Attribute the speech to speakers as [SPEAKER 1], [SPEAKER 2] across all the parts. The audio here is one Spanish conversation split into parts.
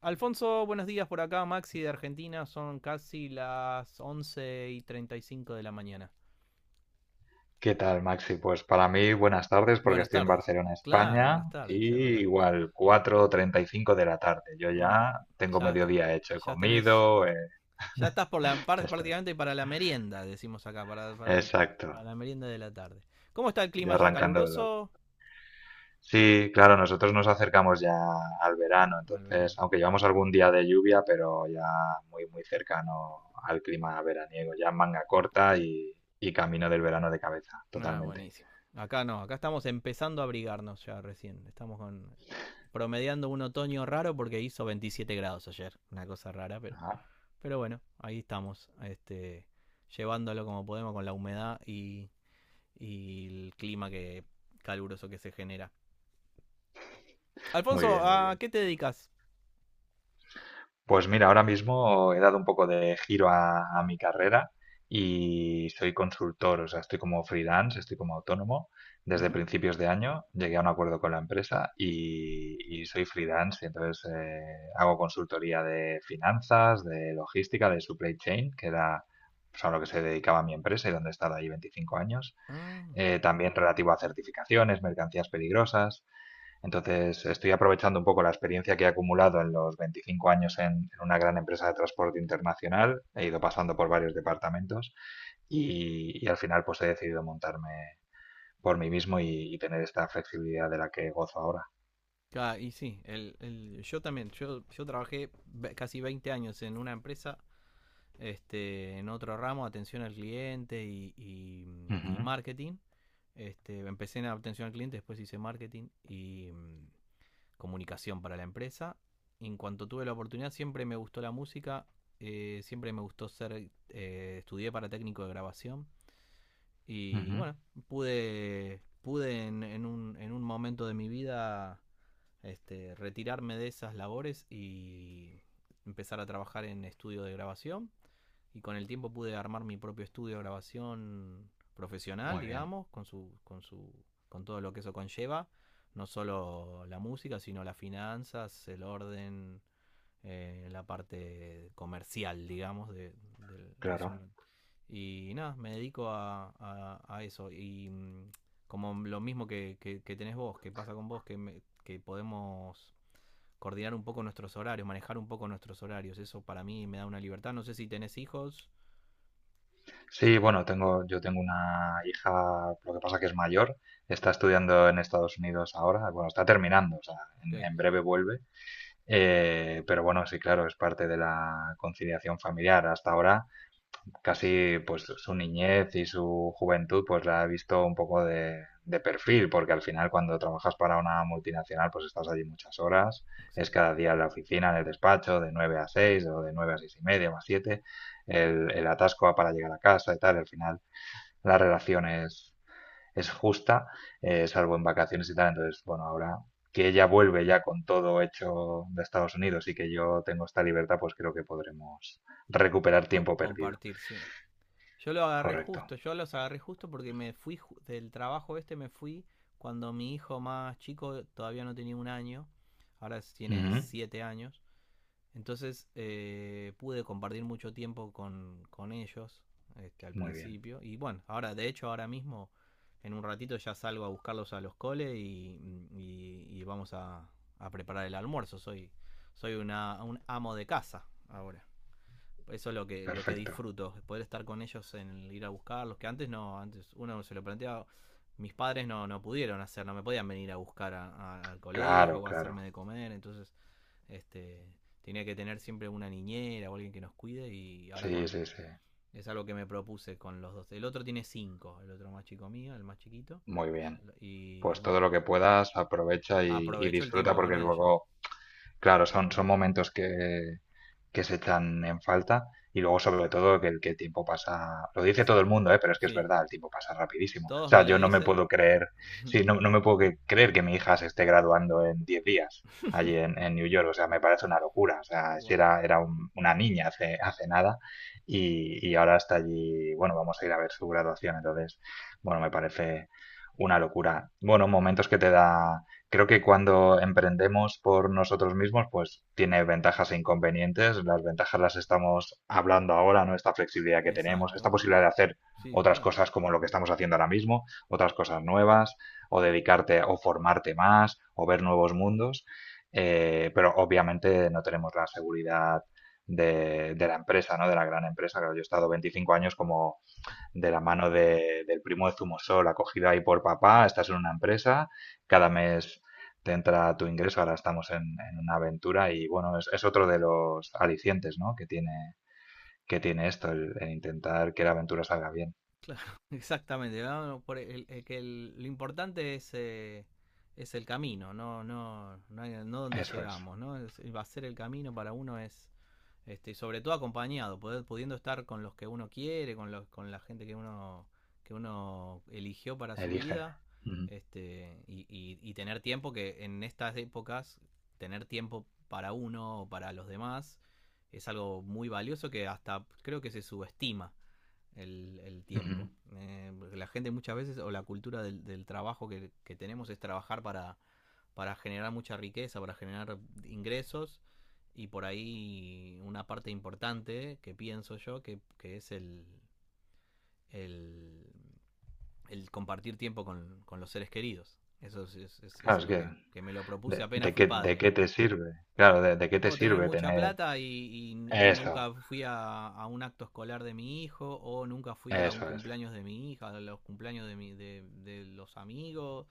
[SPEAKER 1] Alfonso, buenos días por acá, Maxi de Argentina, son casi las 11 y 35 de la mañana.
[SPEAKER 2] ¿Qué tal, Maxi? Pues para mí buenas tardes porque
[SPEAKER 1] Buenas
[SPEAKER 2] estoy en
[SPEAKER 1] tardes.
[SPEAKER 2] Barcelona,
[SPEAKER 1] Claro,
[SPEAKER 2] España,
[SPEAKER 1] buenas
[SPEAKER 2] y
[SPEAKER 1] tardes, es verdad.
[SPEAKER 2] igual 4:35 de la tarde. Yo
[SPEAKER 1] Ah,
[SPEAKER 2] ya tengo
[SPEAKER 1] ya está.
[SPEAKER 2] mediodía hecho, he
[SPEAKER 1] Ya tenés.
[SPEAKER 2] comido,
[SPEAKER 1] Ya estás por la parte
[SPEAKER 2] ya está.
[SPEAKER 1] prácticamente para la merienda, decimos acá,
[SPEAKER 2] Exacto,
[SPEAKER 1] para la merienda de la tarde. ¿Cómo está el
[SPEAKER 2] ya
[SPEAKER 1] clima ya
[SPEAKER 2] arrancando el otro.
[SPEAKER 1] caluroso?
[SPEAKER 2] Sí, claro, nosotros nos acercamos ya al verano,
[SPEAKER 1] Al
[SPEAKER 2] entonces,
[SPEAKER 1] verano.
[SPEAKER 2] aunque llevamos algún día de lluvia, pero ya muy, muy cercano al clima veraniego, ya manga corta y camino del verano de cabeza,
[SPEAKER 1] Ah,
[SPEAKER 2] totalmente.
[SPEAKER 1] buenísimo. Acá no, acá estamos empezando a abrigarnos ya recién. Estamos con promediando un otoño raro porque hizo 27 grados ayer. Una cosa rara, pero
[SPEAKER 2] Ajá.
[SPEAKER 1] Pero bueno, ahí estamos, llevándolo como podemos con la humedad y el clima que caluroso que se genera. Alfonso,
[SPEAKER 2] Muy bien, muy
[SPEAKER 1] ¿a
[SPEAKER 2] bien.
[SPEAKER 1] qué te dedicas?
[SPEAKER 2] Pues mira, ahora mismo he dado un poco de giro a mi carrera y soy consultor, o sea, estoy como freelance, estoy como autónomo. Desde
[SPEAKER 1] Ujú.
[SPEAKER 2] principios de año llegué a un acuerdo con la empresa y soy freelance, y entonces hago consultoría de finanzas, de logística, de supply chain, que era pues, a lo que se dedicaba mi empresa y donde he estado ahí 25 años.
[SPEAKER 1] Ah,
[SPEAKER 2] También relativo a certificaciones, mercancías peligrosas. Entonces, estoy aprovechando un poco la experiencia que he acumulado en los 25 años en una gran empresa de transporte internacional. He ido pasando por varios departamentos y al final pues he decidido montarme por mí mismo y tener esta flexibilidad de la que gozo ahora.
[SPEAKER 1] y sí, yo también, yo trabajé casi 20 años en una empresa, en otro ramo, atención al cliente y
[SPEAKER 2] Ujú,
[SPEAKER 1] marketing. Empecé en atención al cliente, después hice marketing y comunicación para la empresa. En cuanto tuve la oportunidad, siempre me gustó la música, siempre me gustó ser, estudié para técnico de grabación y
[SPEAKER 2] ujú.
[SPEAKER 1] bueno, pude en un momento de mi vida, retirarme de esas labores y empezar a trabajar en estudio de grabación, y con el tiempo pude armar mi propio estudio de grabación profesional,
[SPEAKER 2] Muy bien,
[SPEAKER 1] digamos, con todo lo que eso conlleva, no solo la música, sino las finanzas, el orden, la parte comercial, digamos, de eso.
[SPEAKER 2] claro.
[SPEAKER 1] Y nada, me dedico a eso. Como lo mismo que tenés vos, que pasa con vos, que podemos coordinar un poco nuestros horarios, manejar un poco nuestros horarios. Eso para mí me da una libertad. No sé si tenés hijos.
[SPEAKER 2] Sí, bueno, yo tengo una hija, lo que pasa que es mayor, está estudiando en Estados Unidos ahora, bueno, está terminando, o sea,
[SPEAKER 1] Ok,
[SPEAKER 2] en breve vuelve. Pero bueno, sí, claro, es parte de la conciliación familiar. Hasta ahora, casi pues su niñez y su juventud, pues la he visto un poco de perfil, porque al final cuando trabajas para una multinacional, pues estás allí muchas horas, es
[SPEAKER 1] exacto.
[SPEAKER 2] cada día en la oficina, en el despacho, de 9 a 6 o de 9 a 6 y media o a siete, el atasco para llegar a casa y tal, al final la relación es justa, salvo en vacaciones y tal. Entonces, bueno, ahora que ella vuelve ya con todo hecho de Estados Unidos y que yo tengo esta libertad, pues creo que podremos recuperar
[SPEAKER 1] Co-
[SPEAKER 2] tiempo perdido.
[SPEAKER 1] compartir, sí. Yo lo agarré
[SPEAKER 2] Correcto.
[SPEAKER 1] justo, yo los agarré justo porque me fui ju- del trabajo este, me fui cuando mi hijo más chico todavía no tenía un año, ahora tiene
[SPEAKER 2] Ujú.
[SPEAKER 1] siete años, entonces pude compartir mucho tiempo con ellos, al
[SPEAKER 2] Muy bien.
[SPEAKER 1] principio y bueno, ahora de hecho ahora mismo en un ratito ya salgo a buscarlos a los coles y vamos a preparar el almuerzo, soy un amo de casa ahora. Eso es lo que
[SPEAKER 2] Perfecto.
[SPEAKER 1] disfruto, poder estar con ellos en el ir a buscarlos, que antes no, antes uno se lo planteaba, mis padres no, no pudieron hacer, no me podían venir a buscar al colegio
[SPEAKER 2] Claro,
[SPEAKER 1] o a
[SPEAKER 2] claro.
[SPEAKER 1] hacerme de comer, entonces este tenía que tener siempre una niñera o alguien que nos cuide y ahora
[SPEAKER 2] Sí,
[SPEAKER 1] con
[SPEAKER 2] sí, sí.
[SPEAKER 1] es algo que me propuse con los dos. El otro tiene cinco, el otro más chico mío, el más chiquito
[SPEAKER 2] Muy bien.
[SPEAKER 1] y
[SPEAKER 2] Pues todo
[SPEAKER 1] bueno,
[SPEAKER 2] lo que puedas, aprovecha y
[SPEAKER 1] aprovecho el
[SPEAKER 2] disfruta
[SPEAKER 1] tiempo con
[SPEAKER 2] porque
[SPEAKER 1] ellos.
[SPEAKER 2] luego claro, son momentos que se echan en falta y luego sobre todo que el tiempo pasa, lo dice
[SPEAKER 1] Pasa.
[SPEAKER 2] todo el mundo, ¿eh? Pero es que es
[SPEAKER 1] Sí,
[SPEAKER 2] verdad, el tiempo pasa rapidísimo. O
[SPEAKER 1] todos me
[SPEAKER 2] sea,
[SPEAKER 1] lo
[SPEAKER 2] yo no me
[SPEAKER 1] dicen.
[SPEAKER 2] puedo creer, sí, no, no me puedo creer que mi hija se esté graduando en 10 días allí en New York, o sea, me parece una locura, o sea, si
[SPEAKER 1] Wow.
[SPEAKER 2] era una niña hace nada y ahora está allí, bueno, vamos a ir a ver su graduación, entonces, bueno, me parece una locura. Bueno, momentos que te da. Creo que cuando emprendemos por nosotros mismos, pues tiene ventajas e inconvenientes. Las ventajas las estamos hablando ahora, ¿no? Esta flexibilidad que tenemos, esta
[SPEAKER 1] Exacto.
[SPEAKER 2] posibilidad de hacer
[SPEAKER 1] Sí,
[SPEAKER 2] otras
[SPEAKER 1] claro.
[SPEAKER 2] cosas como lo que estamos haciendo ahora mismo, otras cosas nuevas, o dedicarte o formarte más, o ver nuevos mundos. Pero obviamente no tenemos la seguridad de la empresa, ¿no? De la gran empresa. Claro, yo he estado 25 años como de la mano del primo de Zumosol, acogida ahí por papá, estás en una empresa, cada mes te entra tu ingreso, ahora estamos en una aventura y bueno, es otro de los alicientes, ¿no? que tiene esto, el intentar que la aventura salga bien.
[SPEAKER 1] Exactamente. Vamos por el- que el- lo importante es el camino, no donde
[SPEAKER 2] Eso es,
[SPEAKER 1] llegamos, ¿no? Va a ser el camino para uno es, y sobre todo acompañado, poder- pudiendo estar con los que uno quiere, con la gente que que uno eligió para su
[SPEAKER 2] elige.
[SPEAKER 1] vida,
[SPEAKER 2] Ujú,
[SPEAKER 1] y tener tiempo que en estas épocas, tener tiempo para uno o para los demás es algo muy valioso que hasta creo que se subestima el
[SPEAKER 2] ujú.
[SPEAKER 1] tiempo. La gente muchas veces, o la cultura del trabajo que tenemos es trabajar para generar mucha riqueza, para generar ingresos y por ahí una parte importante que pienso yo que es el, el compartir tiempo con los seres queridos. Eso es
[SPEAKER 2] Claro, es
[SPEAKER 1] algo
[SPEAKER 2] que,
[SPEAKER 1] que me lo propuse apenas fui
[SPEAKER 2] ¿de
[SPEAKER 1] padre.
[SPEAKER 2] qué te sirve? Claro, de qué
[SPEAKER 1] No
[SPEAKER 2] te
[SPEAKER 1] puedo tener
[SPEAKER 2] sirve
[SPEAKER 1] mucha
[SPEAKER 2] tener
[SPEAKER 1] plata y
[SPEAKER 2] eso?
[SPEAKER 1] nunca fui a un acto escolar de mi hijo o nunca fui a un
[SPEAKER 2] Eso es.
[SPEAKER 1] cumpleaños de mi hija, a los cumpleaños de, de los amigos,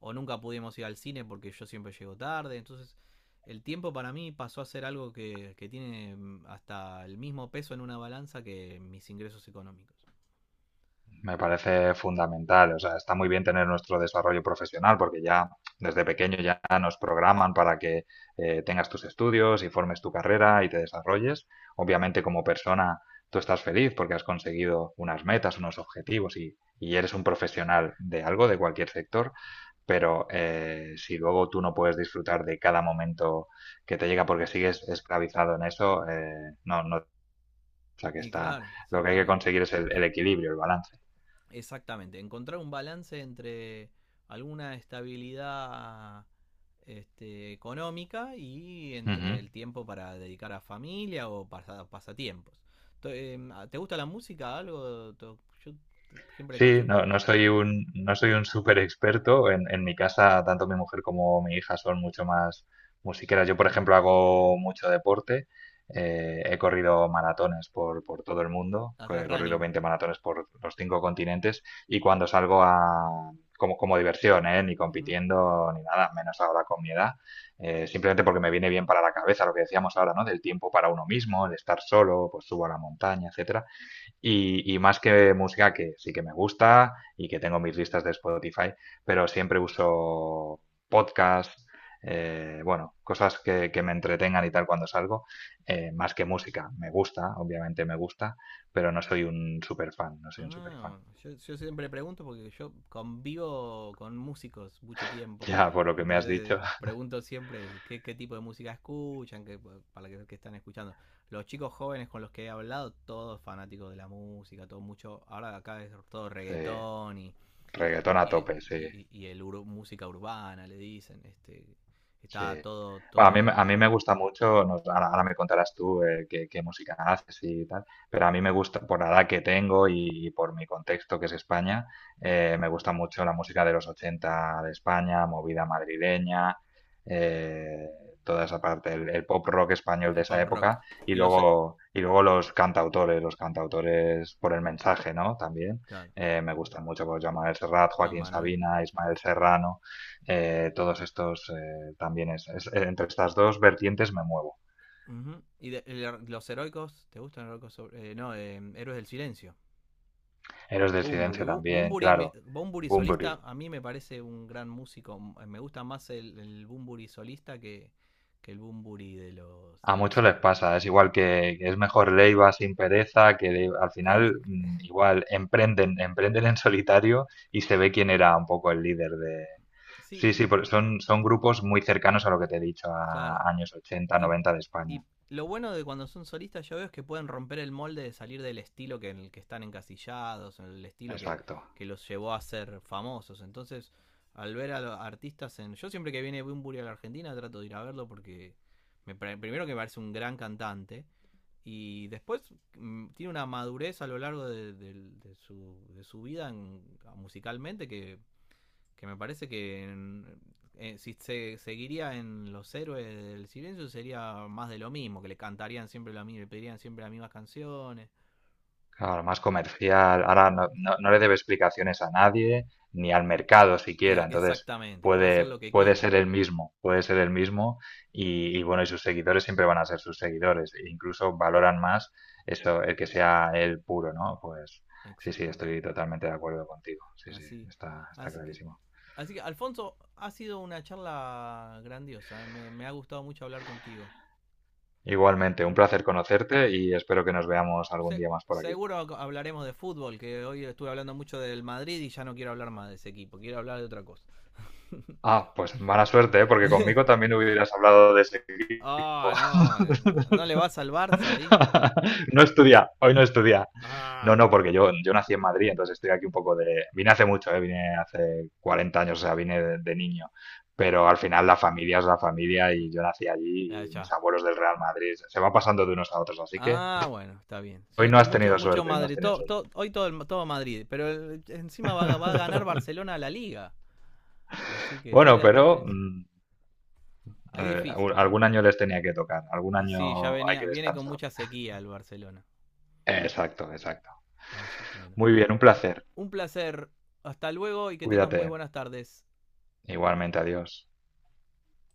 [SPEAKER 1] o nunca pudimos ir al cine porque yo siempre llego tarde. Entonces el tiempo para mí pasó a ser algo que tiene hasta el mismo peso en una balanza que mis ingresos económicos.
[SPEAKER 2] Me parece fundamental. O sea, está muy bien tener nuestro desarrollo profesional porque ya desde pequeño ya nos programan para que tengas tus estudios y formes tu carrera y te desarrolles. Obviamente como persona tú estás feliz porque has conseguido unas metas, unos objetivos y eres un profesional de algo, de cualquier sector. Pero si luego tú no puedes disfrutar de cada momento que te llega porque sigues esclavizado en eso, no, no. O sea, que
[SPEAKER 1] Y
[SPEAKER 2] está,
[SPEAKER 1] claro,
[SPEAKER 2] lo que hay que
[SPEAKER 1] exactamente.
[SPEAKER 2] conseguir es el equilibrio, el balance.
[SPEAKER 1] Exactamente, encontrar un balance entre alguna estabilidad, económica, y entre
[SPEAKER 2] Ujú.
[SPEAKER 1] el tiempo para dedicar a familia o pasa- pasatiempos. ¿Te gusta la música? ¿Algo? To- Yo t- siempre
[SPEAKER 2] Sí,
[SPEAKER 1] consulto
[SPEAKER 2] no, no
[SPEAKER 1] eso.
[SPEAKER 2] soy un, no soy un súper experto. En mi casa, tanto mi mujer como mi hija son mucho más musiqueras. Yo, por ejemplo, hago mucho deporte. He corrido maratones por todo el mundo.
[SPEAKER 1] Haces
[SPEAKER 2] He corrido
[SPEAKER 1] running.
[SPEAKER 2] 20 maratones por los cinco continentes. Y cuando salgo como diversión, ¿eh? Ni
[SPEAKER 1] Ujú.
[SPEAKER 2] compitiendo ni nada, menos ahora con mi edad. Simplemente porque me viene bien para la cabeza lo que decíamos ahora, ¿no? Del tiempo para uno mismo, de estar solo, pues subo a la montaña, etcétera. Y más que música que sí que me gusta y que tengo mis listas de Spotify, pero siempre uso podcasts, bueno, cosas que me entretengan y tal cuando salgo, más que música. Me gusta, obviamente me gusta, pero no soy un super fan, no soy un super fan.
[SPEAKER 1] Ah, bueno, yo siempre pregunto porque yo convivo con músicos mucho tiempo.
[SPEAKER 2] Ya por lo que me has
[SPEAKER 1] Entonces
[SPEAKER 2] dicho,
[SPEAKER 1] pregunto siempre qué, qué tipo de música escuchan, qué, para qué, qué están escuchando. Los chicos jóvenes con los que he hablado, todos fanáticos de la música, todo mucho. Ahora acá es todo
[SPEAKER 2] eh,
[SPEAKER 1] reggaetón
[SPEAKER 2] reggaetón a tope, sí.
[SPEAKER 1] y el ur- música urbana, le dicen. Está
[SPEAKER 2] Sí.
[SPEAKER 1] todo,
[SPEAKER 2] Bueno, a mí,
[SPEAKER 1] todo,
[SPEAKER 2] a mí me gusta mucho, no, ahora me contarás tú qué música haces y tal, pero a mí me gusta, por la edad que tengo y, por mi contexto que es España, me gusta mucho la música de los 80 de España, movida madrileña, eh, toda esa
[SPEAKER 1] claro.
[SPEAKER 2] parte, el pop rock español de
[SPEAKER 1] El
[SPEAKER 2] esa
[SPEAKER 1] pop rock.
[SPEAKER 2] época y
[SPEAKER 1] Y los,
[SPEAKER 2] luego, y luego los cantautores por el mensaje, ¿no? También
[SPEAKER 1] claro,
[SPEAKER 2] me gustan mucho, pues Joan Manuel Serrat,
[SPEAKER 1] Juan
[SPEAKER 2] Joaquín
[SPEAKER 1] Manuel.
[SPEAKER 2] Sabina, Ismael Serrano, todos estos, también entre estas dos vertientes me muevo.
[SPEAKER 1] Ujú. Los heroicos? ¿Te gustan los heroicos? Sobre- no, Héroes del Silencio.
[SPEAKER 2] Héroes del
[SPEAKER 1] Bumburi.
[SPEAKER 2] Silencio también,
[SPEAKER 1] Bumburi,
[SPEAKER 2] claro.
[SPEAKER 1] Bumburi
[SPEAKER 2] Bunbury.
[SPEAKER 1] solista a mí me parece un gran músico. Me gusta más el Bumburi solista que el Bumburi de los...
[SPEAKER 2] A
[SPEAKER 1] De los
[SPEAKER 2] muchos les pasa, es igual que es mejor Leiva sin pereza, que al
[SPEAKER 1] que le-
[SPEAKER 2] final
[SPEAKER 1] que-
[SPEAKER 2] igual emprenden en solitario y se ve quién era un poco el líder de...
[SPEAKER 1] sí,
[SPEAKER 2] Sí,
[SPEAKER 1] y
[SPEAKER 2] sí, porque son grupos muy cercanos a lo que te he dicho,
[SPEAKER 1] claro,
[SPEAKER 2] a años 80
[SPEAKER 1] Y,
[SPEAKER 2] 90 de España.
[SPEAKER 1] y lo bueno de cuando son solistas yo veo es que pueden romper el molde de salir del estilo que en el que están encasillados, en el estilo
[SPEAKER 2] Exacto.
[SPEAKER 1] que los llevó a ser famosos. Entonces, al ver a los artistas en... Yo siempre que viene Bumburi a la Argentina trato de ir a verlo porque me, primero que me parece un gran cantante y después, tiene una madurez a lo largo de, de su vida en- musicalmente que me parece que si se seguiría en los Héroes del Silencio sería más de lo mismo, que le cantarían siempre lo mismo, le pedirían siempre las mismas canciones.
[SPEAKER 2] Claro, más comercial. Ahora no, no le debe explicaciones a nadie, ni al mercado
[SPEAKER 1] Y al
[SPEAKER 2] siquiera.
[SPEAKER 1] que
[SPEAKER 2] Entonces
[SPEAKER 1] exactamente, puede hacer
[SPEAKER 2] puede,
[SPEAKER 1] lo que
[SPEAKER 2] puede
[SPEAKER 1] quiera.
[SPEAKER 2] ser el mismo, puede ser el mismo. Y bueno, y sus seguidores siempre van a ser sus seguidores. E incluso valoran más eso, el que sea él puro, ¿no? Pues sí, sí,
[SPEAKER 1] Exactamente.
[SPEAKER 2] estoy totalmente de acuerdo contigo. Sí, sí,
[SPEAKER 1] Así,
[SPEAKER 2] está
[SPEAKER 1] así que,
[SPEAKER 2] clarísimo.
[SPEAKER 1] así que Alfonso, ha sido una charla grandiosa, ¿eh? Me ha gustado mucho hablar contigo.
[SPEAKER 2] Igualmente, un
[SPEAKER 1] ¿Mm?
[SPEAKER 2] placer conocerte y espero que nos veamos algún
[SPEAKER 1] Se-
[SPEAKER 2] día más por aquí.
[SPEAKER 1] seguro hablaremos de fútbol, que hoy estuve hablando mucho del Madrid y ya no quiero hablar más de ese equipo, quiero hablar de otra cosa.
[SPEAKER 2] Ah, pues mala suerte, ¿eh? Porque conmigo también hubieras hablado de ese.
[SPEAKER 1] Ah, oh, no. ¿No le vas al Barça ahí?
[SPEAKER 2] No estudia, hoy no estudia. No,
[SPEAKER 1] Ah,
[SPEAKER 2] no, porque yo nací en Madrid, entonces estoy aquí un poco de... Vine hace mucho, ¿eh? Vine hace 40 años, o sea, vine de niño. Pero al final la familia es la familia y yo nací
[SPEAKER 1] ah,
[SPEAKER 2] allí y mis
[SPEAKER 1] ya.
[SPEAKER 2] abuelos del Real Madrid. Se va pasando de unos a otros, así que
[SPEAKER 1] Ah, bueno, está bien.
[SPEAKER 2] hoy
[SPEAKER 1] Yo
[SPEAKER 2] no
[SPEAKER 1] to-
[SPEAKER 2] has
[SPEAKER 1] mucho,
[SPEAKER 2] tenido
[SPEAKER 1] mucho
[SPEAKER 2] suerte, hoy no has
[SPEAKER 1] Madrid.
[SPEAKER 2] tenido
[SPEAKER 1] To-
[SPEAKER 2] suerte.
[SPEAKER 1] to- hoy todo, el- todo Madrid. Pero el- encima va, a- va a ganar Barcelona a la liga. Así que yo
[SPEAKER 2] Bueno,
[SPEAKER 1] le a todo le
[SPEAKER 2] pero
[SPEAKER 1] decía. Ahí es difícil, vamos.
[SPEAKER 2] algún año les tenía que tocar, algún
[SPEAKER 1] Y sí, ya
[SPEAKER 2] año hay
[SPEAKER 1] venía,
[SPEAKER 2] que
[SPEAKER 1] viene con
[SPEAKER 2] descansar.
[SPEAKER 1] mucha sequía el Barcelona.
[SPEAKER 2] Exacto, exacto.
[SPEAKER 1] Así que bueno.
[SPEAKER 2] Muy bien, un placer.
[SPEAKER 1] Un placer. Hasta luego y que tengas
[SPEAKER 2] Cuídate.
[SPEAKER 1] muy buenas tardes.
[SPEAKER 2] Igualmente, adiós.